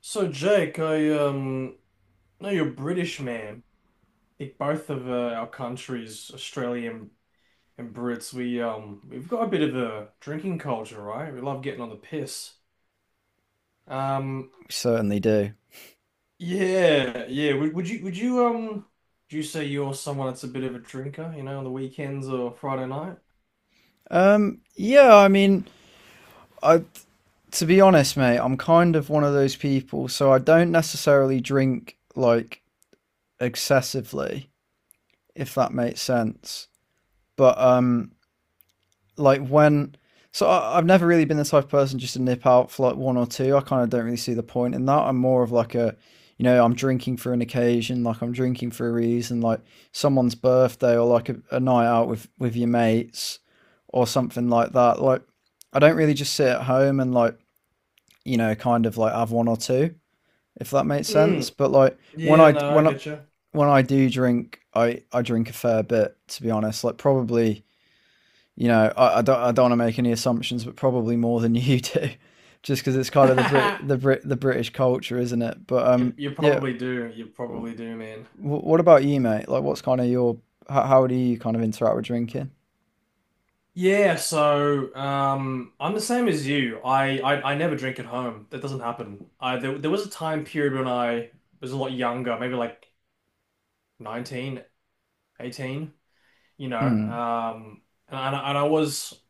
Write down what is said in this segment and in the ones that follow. So Jake, I know you're British, man. I think both of our countries, Australia and Brits, we we've got a bit of a drinking culture, right? We love getting on the piss. Um We certainly do. yeah, yeah. Would you do you say you're someone that's a bit of a drinker, you know, on the weekends or Friday night? Yeah, I mean, I to be honest, mate, I'm kind of one of those people, so I don't necessarily drink like excessively, if that makes sense. But like when so I've never really been the type of person just to nip out for like one or two. I kind of don't really see the point in that. I'm more of like you know, I'm drinking for an occasion, like I'm drinking for a reason, like someone's birthday or like a night out with your mates or something like that. Like I don't really just sit at home and like you know kind of like have one or two if that makes sense. Mm, But like yeah, no, I get you. when I do drink, I drink a fair bit to be honest. Like probably you know, I don't want to make any assumptions, but probably more than you do, just because it's kind of the British culture, isn't it? But You you yeah. probably do. You w- probably do, man. What about you, mate? Like, what's kind of your how do you kind of interact with drinking? Yeah, so I'm the same as you. I never drink at home. That doesn't happen. There was a time period when I was a lot younger, maybe like 19, 18, you know. Mm, Um, And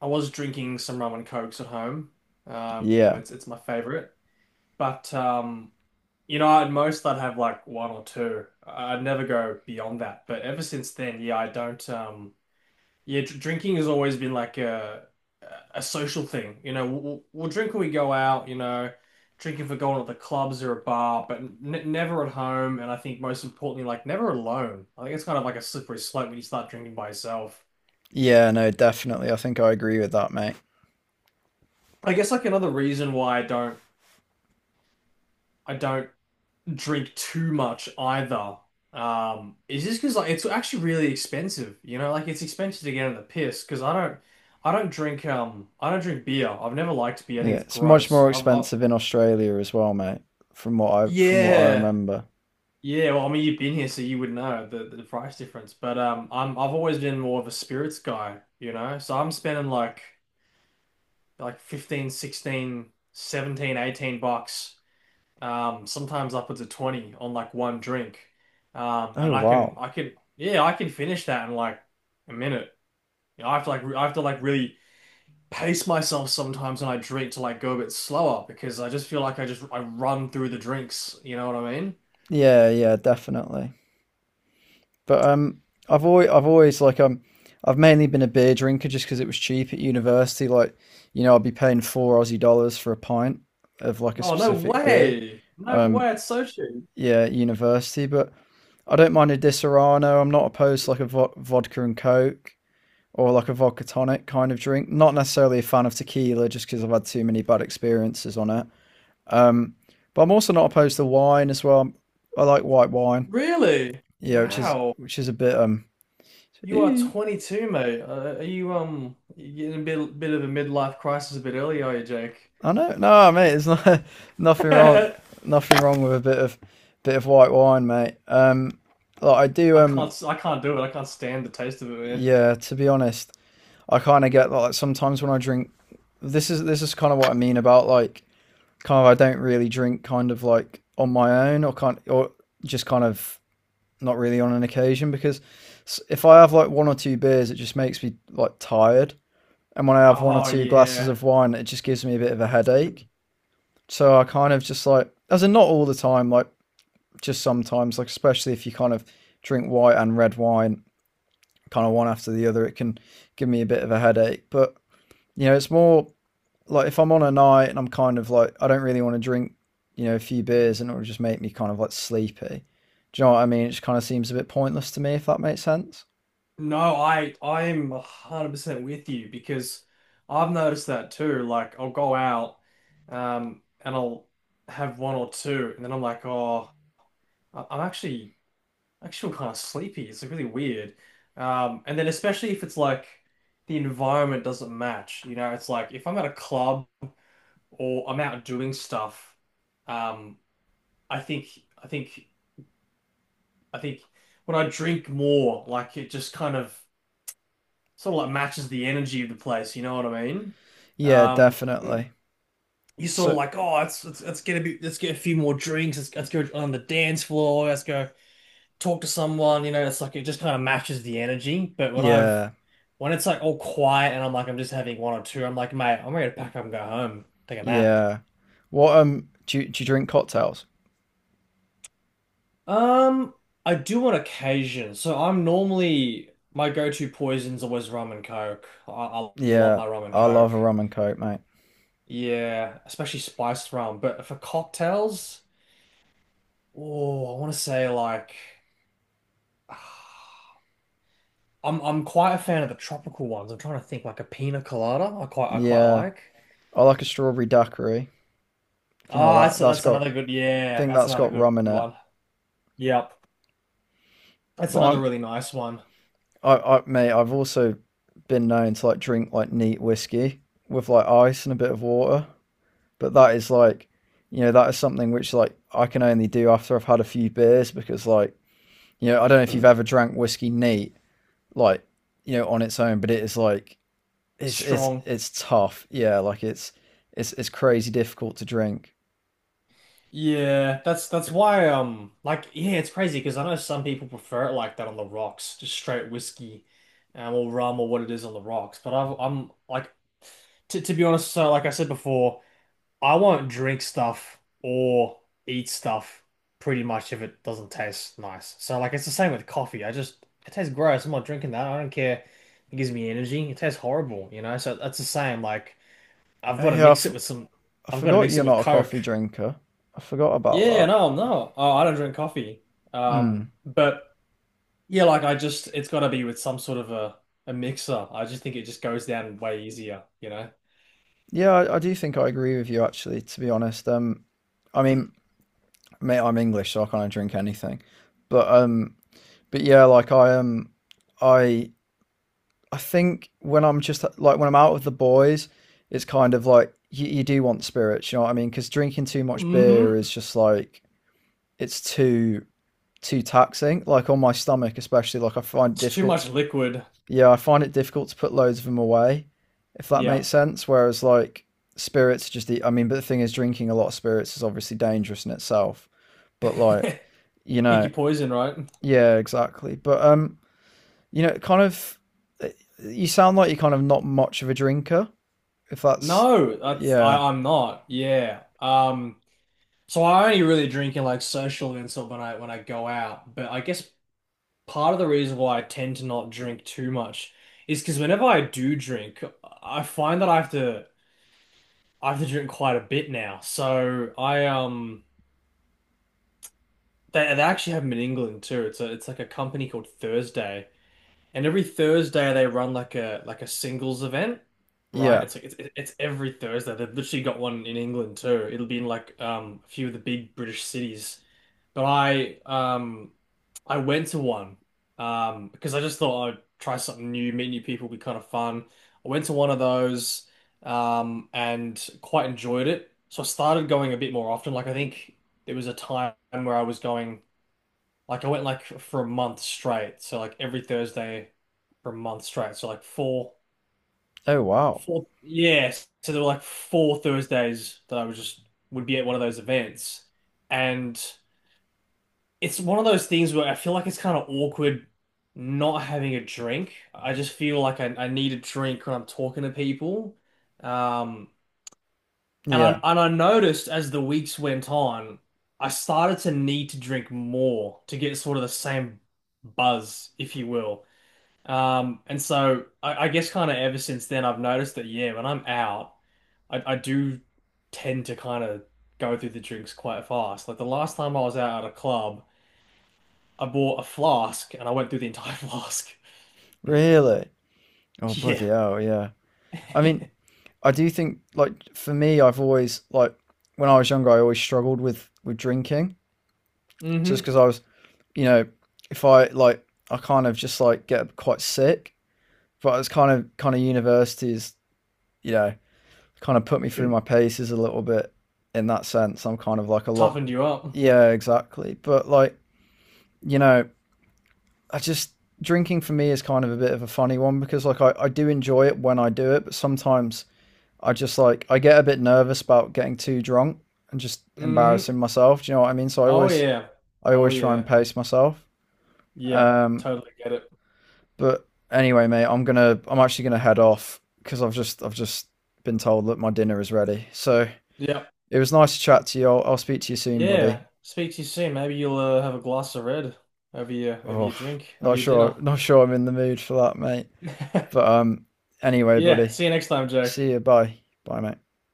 I was drinking some rum and cokes at home. Um, yeah, it's it's my favorite. But you know, at most I'd have like one or two. I'd never go beyond that. But ever since then, yeah, I don't. Drinking has always been like a social thing. You know, we'll drink when we go out, you know, drinking for going to the clubs or a bar, but n never at home. And I think most importantly, like never alone. I think it's kind of like a slippery slope when you start drinking by yourself. yeah, no, definitely. I think I agree with that, mate. I guess like another reason why I don't drink too much either. Is just because like it's actually really expensive. You know, like it's expensive to get in the piss because I don't drink I don't drink beer. I've never liked beer. I Yeah, think it's it's much gross. more I've, I expensive in Australia as well, mate. From what I Yeah, remember. yeah. Well, I mean, you've been here, so you would know the price difference. But I've always been more of a spirits guy, you know. So I'm spending like 15, 16, 17, $18, sometimes upwards of 20 on like one drink. Oh And wow. I can yeah, I can finish that in like a minute. You know, I have to like really pace myself sometimes when I drink to like go a bit slower because I just feel like I run through the drinks, you know what I mean? Yeah, yeah, definitely. But I've always like I've mainly been a beer drinker just because it was cheap at university. Like, you know, I'd be paying 4 Aussie dollars for a pint of like a Oh, no specific beer. way. No Um, way. It's so cheap. yeah, at university. But I don't mind a Disaronno. I'm not opposed to like a vodka and coke or like a vodka tonic kind of drink. Not necessarily a fan of tequila just because I've had too many bad experiences on it. Um, but I'm also not opposed to wine as well. I like white wine. Really? Yeah. Yeah, Wow. which is a bit You are 22, mate. Are you you in a bit of a midlife crisis a bit early, are you, Jake? I know. No, mate, it's not nothing wrong. I Nothing wrong with a bit of white wine, mate. Like I do. I can't do it. I can't stand the taste of it, man. Yeah. To be honest, I kind of get like sometimes when I drink. This is kind of what I mean about like kind of I don't really drink kind of like on my own or kind or just kind of not really on an occasion because if I have like one or two beers, it just makes me like tired, and when I have one or Oh two glasses yeah. of wine, it just gives me a bit of a headache. So I kind of just like, as in not all the time, like just sometimes, like especially if you kind of drink white and red wine, kind of one after the other, it can give me a bit of a headache. But you know, it's more like if I'm on a night and I'm kind of like, I don't really want to drink, you know, a few beers and it'll just make me kind of like sleepy. Do you know what I mean? It just kind of seems a bit pointless to me, if that makes sense. No, I I'm 100% with you because I've noticed that too. Like I'll go out and I'll have one or two and then I'm like, "Oh, I- I'm actually I just feel kind of sleepy." It's like really weird. And then especially if it's like the environment doesn't match. You know, it's like if I'm at a club or I'm out doing stuff, um, I think I think I think when I drink more, like it just kind of sort of like matches the energy of the place. You know what I mean? Yeah, Um, definitely. you sort of So like, oh, let's get a bit, let's get a few more drinks. Let's go on the dance floor. Let's go, talk to someone, you know. It's like it just kind of matches the energy. But when I've yeah, when it's like all quiet and I'm just having one or two, I'm like, mate, I'm ready to pack up and go home, take a nap. yeah. What do you drink cocktails? Um, I do on occasion. So I'm normally my go-to poison's always rum and coke. I love Yeah, my rum and I love coke. a rum and coke, mate. Yeah, especially spiced rum. But for cocktails, oh, I want to say like I'm quite a fan of the tropical ones. I'm trying to think like a pina colada. I quite Yeah, like. I like a strawberry daiquiri. If you know Oh, what that's that's got, another good. I Yeah, think that's that's another got good rum in it. one. Yep, that's But another really nice one. I, mate, I've also been known to like drink like neat whiskey with like ice and a bit of water. But that is like, you know, that is something which like I can only do after I've had a few beers because like, you know, I don't know if you've ever drank whiskey neat, like, you know, on its own, but it is like, it's Strong. it's tough. Yeah, like it's it's crazy difficult to drink. Yeah, that's why. Yeah, it's crazy because I know some people prefer it like that on the rocks, just straight whiskey, or rum or what it is on the rocks. But I've, I'm like, to be honest, so like I said before, I won't drink stuff or eat stuff pretty much if it doesn't taste nice. So like it's the same with coffee. I just It tastes gross. I'm not drinking that. I don't care. It gives me energy. It tastes horrible, you know? So that's the same. Like I've Oh, got to yeah, mix it with some I I've got to forgot mix you're it with not a Coke. coffee drinker. I forgot Yeah, about no, no. Oh, I don't drink coffee. that. Mm. But Yeah, like I just it's got to be with some sort of a mixer. I just think it just goes down way easier, you know? Yeah, I do think I agree with you actually, to be honest. I mean, mate, I'm English, so I can't drink anything. But um, but yeah, like I I think when I'm just like when I'm out with the boys, it's kind of like you do want spirits, you know what I mean? Because drinking too much beer is Hmm. just like it's too taxing. Like on my stomach, especially, like I find it It's too difficult to much liquid. yeah, I find it difficult to put loads of them away, if that Yeah. makes sense. Whereas like spirits, just I mean, but the thing is, drinking a lot of spirits is obviously dangerous in itself. But like, you Pick know, your poison, right? yeah, exactly. But you know, eh, you sound like you're kind of not much of a drinker. If that's, No, that's yeah, I'm not. Yeah. So I only really drink in like social events or when I go out. But I guess part of the reason why I tend to not drink too much is because whenever I do drink, I find that I have to drink quite a bit now. So I they actually have them in England too. It's a it's like a company called Thursday. And every Thursday they run like a singles event, right? yeah. It's like it's every Thursday. They've literally got one in England too. It'll be in like a few of the big British cities. But I went to one because I just thought I'd try something new, meet new people, be kind of fun. I went to one of those and quite enjoyed it. So I started going a bit more often. Like I think there was a time where I was going. Like I went like for a month straight, so like every Thursday for a month straight. So like Oh wow, four, yeah. So there were like four Thursdays that I was just would be at one of those events, and it's one of those things where I feel like it's kind of awkward not having a drink. I just feel like I need a drink when I'm talking to people, um, and I yeah, and I noticed as the weeks went on, I started to need to drink more to get sort of the same buzz, if you will. And so I guess kind of ever since then, I've noticed that, yeah, when I'm out, I do tend to kind of go through the drinks quite fast. Like the last time I was out at a club, I bought a flask and I went through the entire flask. really. Oh Yeah. bloody hell, yeah. I mean, I do think like for me, I've always like when I was younger, I always struggled with drinking Mm-hmm. just because I was you know, if I like, I kind of just like get quite sick. But it's kind of universities, you know, kind of put me through my paces a little bit in that sense. I'm kind of like a lot. Toughened you up. Yeah, exactly. But like, you know, I just drinking for me is kind of a bit of a funny one because like I do enjoy it when I do it, but sometimes I just like I get a bit nervous about getting too drunk and just Hmm. embarrassing myself. Do you know what I mean? So Oh, yeah. I Oh, always try and yeah. pace myself. Yeah. Um, Totally get it. But anyway, mate, I'm actually gonna head off because I've just been told that my dinner is ready. So Yep. it was nice to chat to you. I'll speak to you soon, Yeah. buddy. Speak to you soon. Maybe you'll have a glass of red over your Oh, drink, over your dinner. not sure I'm in the mood for that, mate. But anyway, Yeah. buddy, See you next time, Jake. see you. Bye, bye, mate.